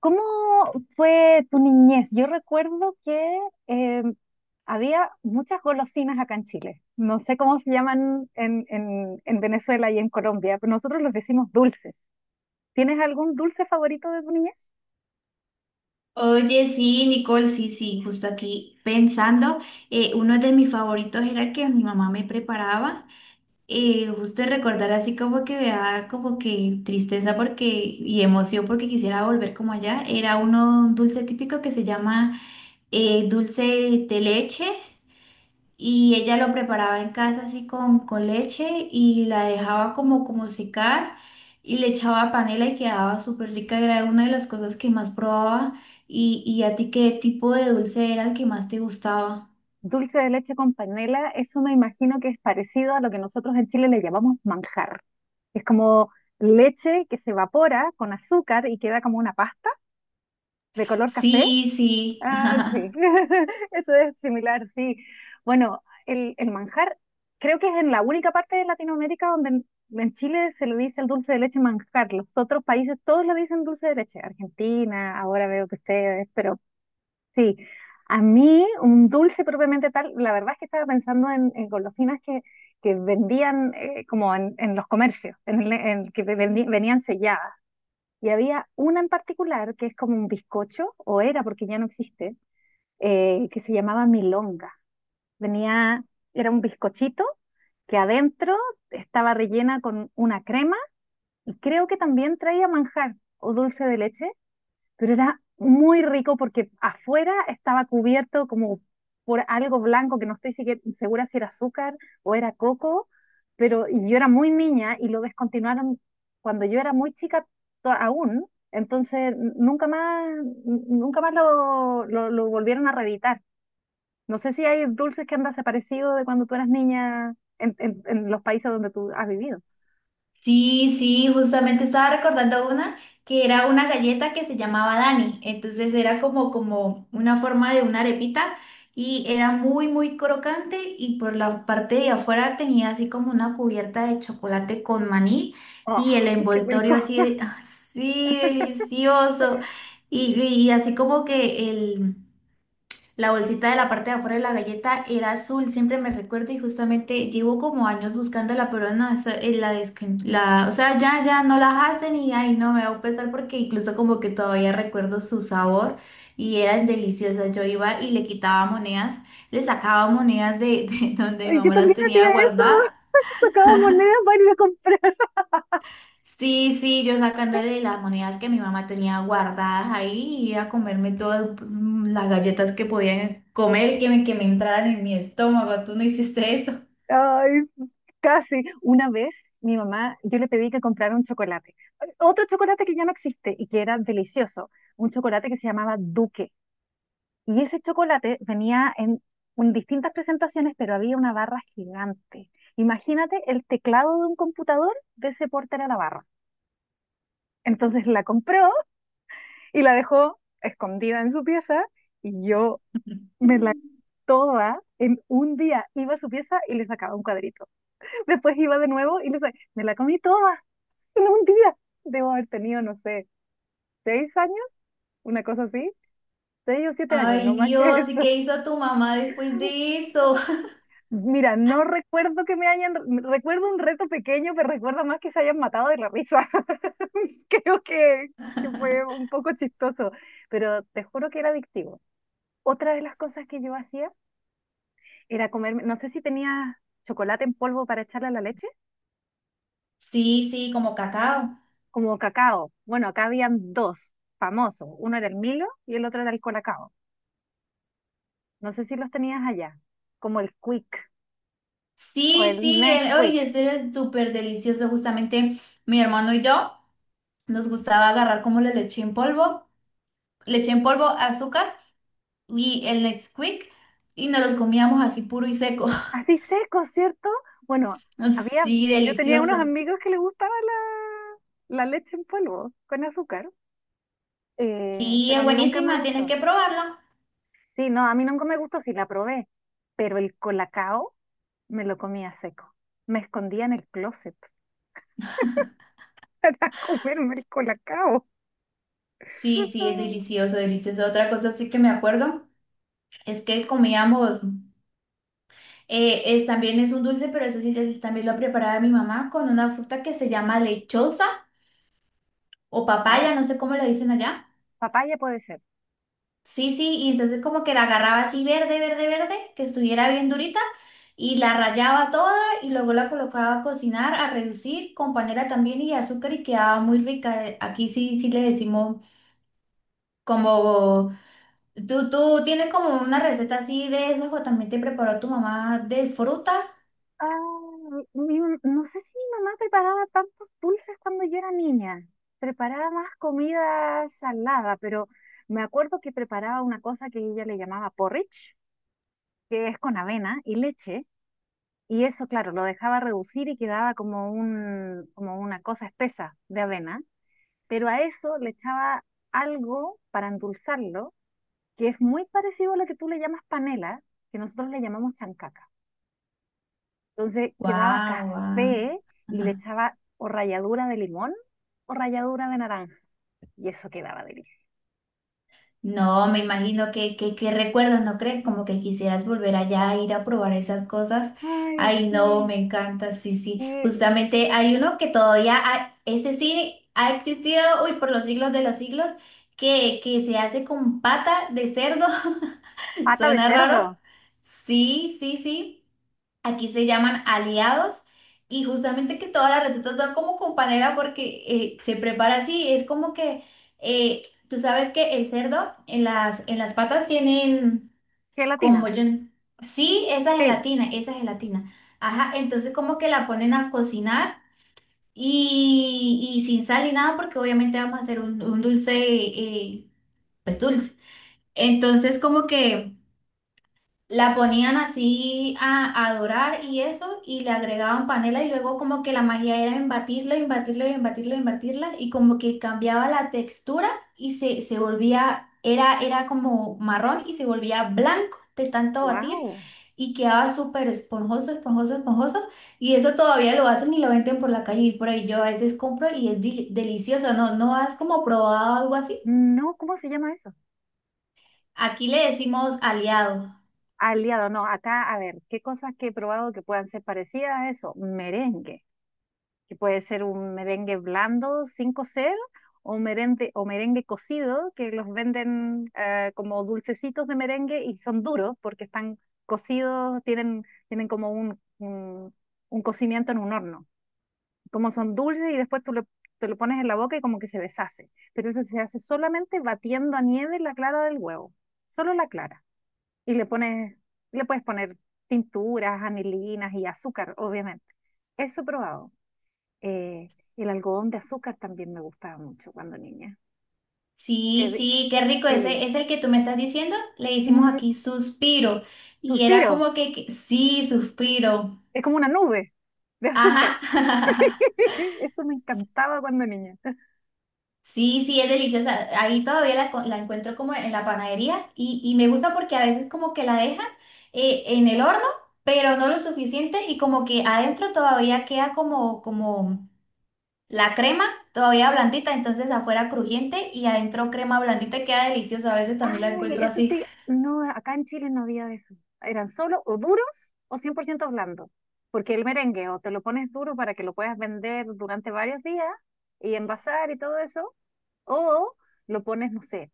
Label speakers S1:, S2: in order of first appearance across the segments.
S1: ¿Cómo fue tu niñez? Yo recuerdo que eh, había muchas golosinas acá en Chile. No sé cómo se llaman en Venezuela y en Colombia, pero nosotros los decimos dulces. ¿Tienes algún dulce favorito de tu niñez?
S2: Oye, sí, Nicole, sí, sí, justo aquí pensando, uno de mis favoritos era que mi mamá me preparaba, justo recordar así como que me da como que tristeza porque y emoción porque quisiera volver como allá, era uno un dulce típico que se llama dulce de leche y ella lo preparaba en casa así con leche y la dejaba como, como secar y le echaba panela y quedaba súper rica. Era una de las cosas que más probaba. ¿Y a ti qué tipo de dulce era el que más te gustaba?
S1: Dulce de leche con panela, eso me imagino que es parecido a lo que nosotros en Chile le llamamos manjar. Es como leche que se evapora con azúcar y queda como una pasta de color café.
S2: Sí, sí.
S1: Ah, sí, eso es similar, sí. Bueno, el manjar creo que es en la única parte de Latinoamérica donde en Chile se le dice el dulce de leche manjar. Los otros países todos le dicen dulce de leche. Argentina, ahora veo que ustedes, pero sí. A mí un dulce propiamente tal, la verdad es que estaba pensando en golosinas que vendían como en los comercios, en que venían selladas. Y había una en particular que es como un bizcocho, o era porque ya no existe, que se llamaba milonga. Venía, era un bizcochito que adentro estaba rellena con una crema y creo que también traía manjar o dulce de leche, pero era muy rico porque afuera estaba cubierto como por algo blanco que no estoy segura si era azúcar o era coco, pero y yo era muy niña y lo descontinuaron cuando yo era muy chica aún, entonces nunca más, nunca más lo volvieron a reeditar. No sé si hay dulces que han desaparecido de cuando tú eras niña en los países donde tú has vivido.
S2: Sí, sí, justamente estaba recordando una que era una galleta que se llamaba Dani. Entonces era como, como una forma de una arepita y era muy, muy crocante y por la parte de afuera tenía así como una cubierta de chocolate con maní
S1: Oh,
S2: y el
S1: qué rico.
S2: envoltorio así, así delicioso y así como que el... La bolsita de la parte de afuera de la galleta era azul, siempre me recuerdo y justamente llevo como años buscándola, pero no, eso, o sea, ya no la hacen y ay, no me va a pesar porque incluso como que todavía recuerdo su sabor y eran deliciosas. Yo iba y le quitaba monedas, le sacaba monedas de donde mi
S1: Ay, yo
S2: mamá las
S1: también
S2: tenía
S1: hacía eso.
S2: guardadas.
S1: Sacaba monedas para ir a comprar.
S2: Sí, sí, yo sacándole las monedas que mi mamá tenía guardadas ahí y ir a comerme todas pues, las galletas que podía comer, que me entraran en mi estómago. ¿Tú no hiciste eso?
S1: Ay, casi. Una vez mi mamá, yo le pedí que comprara un chocolate. Otro chocolate que ya no existe y que era delicioso. Un chocolate que se llamaba Duque. Y ese chocolate venía en distintas presentaciones, pero había una barra gigante. Imagínate el teclado de un computador de ese porte era la barra. Entonces la compró y la dejó escondida en su pieza y yo me la toda en un día. Iba a su pieza y le sacaba un cuadrito. Después iba de nuevo y le sacaba, me la comí toda en un día. Debo haber tenido, no sé, 6 años, una cosa así. 6 o 7 años, no
S2: Ay,
S1: más que
S2: Dios, ¿y
S1: eso.
S2: qué hizo tu mamá después de eso?
S1: Mira, no recuerdo que me hayan, recuerdo un reto pequeño, pero recuerdo más que se hayan matado de la risa. Creo que fue un poco chistoso, pero te juro que era adictivo. Otra de las cosas que yo hacía era comerme, no sé si tenía chocolate en polvo para echarle a la leche,
S2: Sí, sí, como cacao.
S1: como cacao. Bueno, acá habían dos famosos, uno era el Milo y el otro era el Colacao. No sé si los tenías allá, como el Quick o
S2: Sí,
S1: el
S2: sí, el,
S1: Nesquik.
S2: oye, eso era súper delicioso. Justamente mi hermano y yo nos gustaba agarrar como la leche en polvo, azúcar y el Nesquik y nos los comíamos así puro y seco.
S1: Así seco, ¿cierto? Bueno,
S2: Ah,
S1: había,
S2: sí,
S1: yo tenía unos
S2: delicioso.
S1: amigos que les gustaba la leche en polvo con azúcar,
S2: Sí,
S1: pero
S2: es
S1: a mí nunca me
S2: buenísima, tienes
S1: gustaba.
S2: que probarla.
S1: Sí, no, a mí nunca me gustó, sí la probé, pero el colacao me lo comía seco. Me escondía en el closet a comerme el colacao.
S2: Sí, sí, es delicioso, delicioso. Otra cosa sí que me acuerdo es que comíamos, también es un dulce, pero eso sí también lo preparaba mi mamá con una fruta que se llama lechosa o papaya,
S1: Wow.
S2: no sé cómo le dicen allá.
S1: Papaya puede ser.
S2: Sí, sí, y entonces como que la agarraba así verde, verde, verde, que estuviera bien durita, y la rallaba toda y luego la colocaba a cocinar, a reducir con panela también y azúcar y quedaba muy rica. Aquí sí, sí le decimos. Como tú tienes como una receta así de esas o también te preparó tu mamá de fruta.
S1: Ah, no sé si mi mamá preparaba tantos dulces cuando yo era niña. Preparaba más comida salada, pero me acuerdo que preparaba una cosa que ella le llamaba porridge, que es con avena y leche, y eso, claro, lo dejaba reducir y quedaba como una cosa espesa de avena, pero a eso le echaba algo para endulzarlo, que es muy parecido a lo que tú le llamas panela, que nosotros le llamamos chancaca. Entonces quedaba
S2: Guau, guau.
S1: café y
S2: Ajá.
S1: le echaba o ralladura de limón o ralladura de naranja, y eso quedaba delicioso.
S2: No, me imagino que recuerdos, ¿no crees? Como que quisieras volver allá a ir a probar esas cosas.
S1: Ay,
S2: Ay, no, me
S1: sí,
S2: encanta, sí, sí.
S1: sí,
S2: Justamente hay uno que todavía, ese sí ha existido, uy, por los siglos de los siglos, que se hace con pata de cerdo.
S1: pata de
S2: Suena raro.
S1: cerdo,
S2: Sí, sí, sí. Aquí se llaman aliados y justamente que todas las recetas son como con panela porque se prepara así. Es como que eh, tú sabes que el cerdo en las patas tienen como
S1: gelatina,
S2: yo. Sí, esa
S1: sí,
S2: gelatina, esa gelatina. Ajá, entonces como que la ponen a cocinar y sin sal y nada porque obviamente vamos a hacer un dulce, pues dulce. Entonces como que. La ponían así a dorar y eso, y le agregaban panela y luego como que la magia era embatirla, embatirla, embatirla, embatirla, y como que cambiaba la textura y se volvía, era, era como marrón y se volvía blanco de tanto batir
S1: wow.
S2: y quedaba súper esponjoso, esponjoso, esponjoso, y eso todavía lo hacen y lo venden por la calle y por ahí yo a veces compro y es delicioso, ¿no? ¿No has como probado algo así?
S1: No, ¿cómo se llama eso?
S2: Aquí le decimos aliados.
S1: Aliado, no, acá, a ver, ¿qué cosas que he probado que puedan ser parecidas a eso? Merengue. Que puede ser un merengue blando sin cocer o merengue cocido, que los venden como dulcecitos de merengue y son duros porque están cocidos, tienen como un cocimiento en un horno. Como son dulces y después te lo pones en la boca y como que se deshace. Pero eso se hace solamente batiendo a nieve la clara del huevo, solo la clara. Y le pones, Le puedes poner tinturas, anilinas y azúcar, obviamente. Eso he probado. Eh, el algodón de azúcar también me gustaba mucho cuando niña. De-
S2: Sí,
S1: de-
S2: sí, qué rico. Ese
S1: sí.
S2: es el que tú me estás diciendo. Le hicimos
S1: Mm,
S2: aquí suspiro. Y era
S1: suspiro,
S2: como sí, suspiro.
S1: es como una nube de azúcar.
S2: Ajá.
S1: Eso me encantaba cuando niña.
S2: Sí, sí, es deliciosa. Ahí todavía la encuentro como en la panadería y me gusta porque a veces como que la dejan en el horno, pero no lo suficiente y como que adentro todavía queda como, como la crema todavía blandita, entonces afuera crujiente y adentro crema blandita queda deliciosa. A veces también la
S1: Ay,
S2: encuentro
S1: eso
S2: así.
S1: sí, no, acá en Chile no había de eso. Eran solo o duros o 100% blandos. Porque el merengue o te lo pones duro para que lo puedas vender durante varios días y envasar y todo eso, o lo pones, no sé,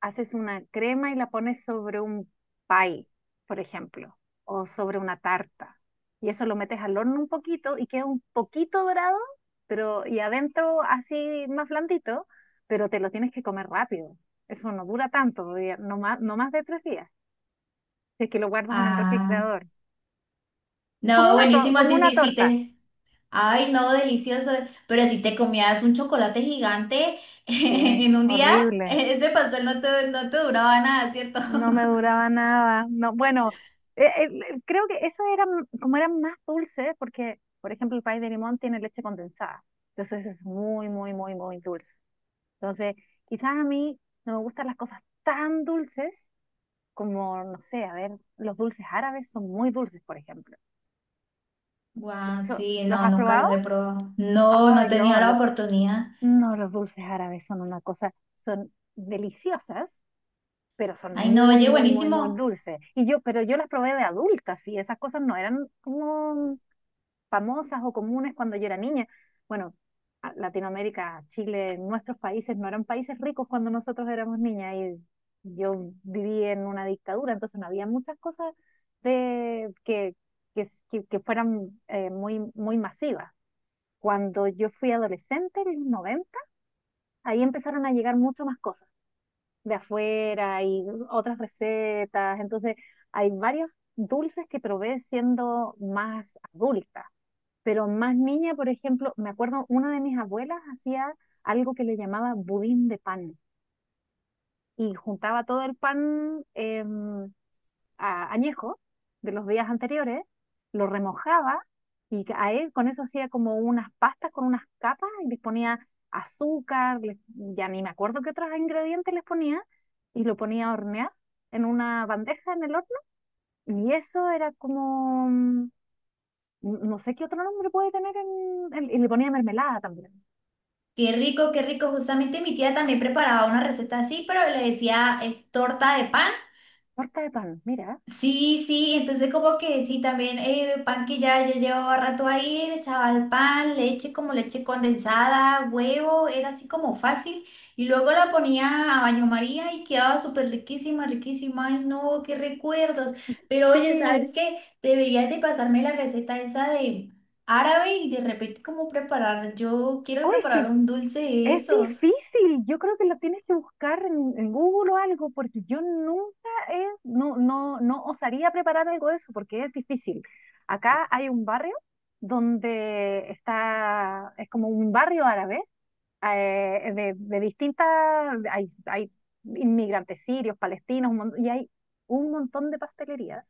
S1: haces una crema y la pones sobre un pie, por ejemplo, o sobre una tarta. Y eso lo metes al horno un poquito y queda un poquito dorado, pero y adentro así más blandito, pero te lo tienes que comer rápido. Eso no dura tanto, no más, no más de 3 días, si es que lo guardas en el
S2: Ah.
S1: refrigerador. Es como
S2: No,
S1: una,
S2: buenísimo,
S1: como
S2: sí,
S1: una
S2: sí, sí
S1: torta.
S2: te. Ay, no, delicioso. Pero si te comías un chocolate gigante
S1: Sí,
S2: en un día,
S1: horrible.
S2: ese pastel no te, no te duraba nada, ¿cierto?
S1: No me duraba nada. No, bueno, eh, eh, creo que eso era como eran más dulces, porque, por ejemplo, el pay de limón tiene leche condensada. Entonces es muy, muy, muy, muy dulce. Entonces, quizás a mí no me gustan las cosas tan dulces como, no sé, a ver, los dulces árabes son muy dulces, por ejemplo. ¿Y
S2: Guau,
S1: eso,
S2: sí,
S1: los
S2: no,
S1: has
S2: nunca
S1: probado?
S2: los he probado. No, no he
S1: Ay,
S2: tenido
S1: no,
S2: la oportunidad.
S1: no, los dulces árabes son una cosa, son deliciosas, pero son
S2: Ay, no,
S1: muy,
S2: oye,
S1: muy, muy, muy
S2: buenísimo.
S1: dulces. Y yo, pero yo las probé de adultas y esas cosas no eran como famosas o comunes cuando yo era niña. Bueno, Latinoamérica, Chile, nuestros países no eran países ricos cuando nosotros éramos niñas y yo viví en una dictadura, entonces no había muchas cosas de que fueran muy, muy masivas. Cuando yo fui adolescente, en los 90 ahí empezaron a llegar mucho más cosas de afuera y otras recetas. Entonces, hay varios dulces que probé siendo más adulta, pero más niña, por ejemplo, me acuerdo una de mis abuelas hacía algo que le llamaba budín de pan y juntaba todo el pan. Añejo de los días anteriores, lo remojaba y a él con eso hacía como unas pastas con unas capas y les ponía azúcar, ya ni me acuerdo qué otros ingredientes les ponía y lo ponía a hornear en una bandeja en el horno y eso era como, mm, no sé qué otro nombre puede tener y le ponía mermelada también,
S2: Qué rico, qué rico. Justamente mi tía también preparaba una receta así, pero le decía es torta de pan.
S1: torta de pan, mira.
S2: Sí, sí, entonces como que sí, también pan que ya, ya llevaba rato ahí, le echaba el pan, leche como leche condensada, huevo, era así como fácil. Y luego la ponía a baño María y quedaba súper riquísima, riquísima. Ay, no, qué recuerdos. Pero
S1: Sí,
S2: oye, ¿sabes qué? Deberías de pasarme la receta esa de árabe y de repente cómo preparar. Yo quiero
S1: oh, es que
S2: preparar un dulce de
S1: es
S2: esos.
S1: difícil, yo creo que lo tienes que buscar en Google o algo, porque yo nunca he, no, no, no osaría preparar algo de eso, porque es difícil. Acá hay un barrio donde está, es como un barrio árabe, de distintas, hay inmigrantes sirios, palestinos, y hay un montón de pastelerías,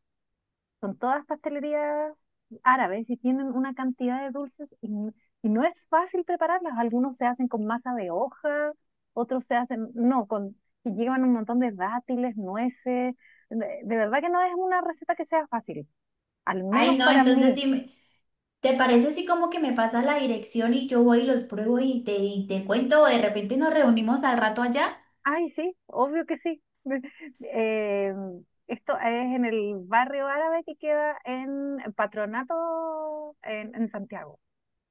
S1: son todas pastelerías árabes y tienen una cantidad de dulces y no es fácil prepararlas. Algunos se hacen con masa de hoja, otros se hacen, no, con, y llevan un montón de dátiles, nueces. De verdad que no es una receta que sea fácil, al
S2: Ay,
S1: menos
S2: no,
S1: para
S2: entonces
S1: mí.
S2: sí. ¿Te parece así como que me pasas la dirección y yo voy y los pruebo y te cuento o de repente nos reunimos al rato allá?
S1: Ay, sí, obvio que sí. Eh, esto es en el barrio árabe que queda en Patronato, en Santiago.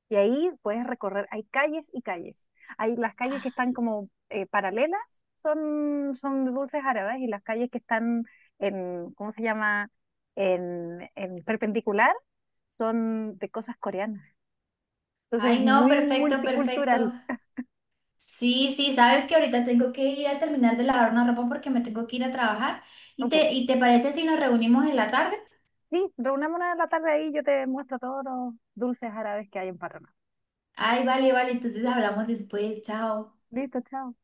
S1: Y ahí puedes recorrer, hay calles y calles. Hay las calles que
S2: Ah,
S1: están como paralelas, son, son de dulces árabes, y las calles que están en, ¿cómo se llama? En perpendicular, son de cosas coreanas. Entonces
S2: ay,
S1: es
S2: no,
S1: muy
S2: perfecto, perfecto.
S1: multicultural.
S2: Sí, sí, sabes que ahorita tengo que ir a terminar de lavar una ropa porque me tengo que ir a trabajar. ¿Y
S1: Ok,
S2: te, y te parece si nos reunimos en la tarde?
S1: sí, reunámonos en la tarde ahí, yo te muestro todos los dulces árabes que hay en Patronato.
S2: Ay, vale, vale, entonces hablamos después, chao.
S1: Listo, chao.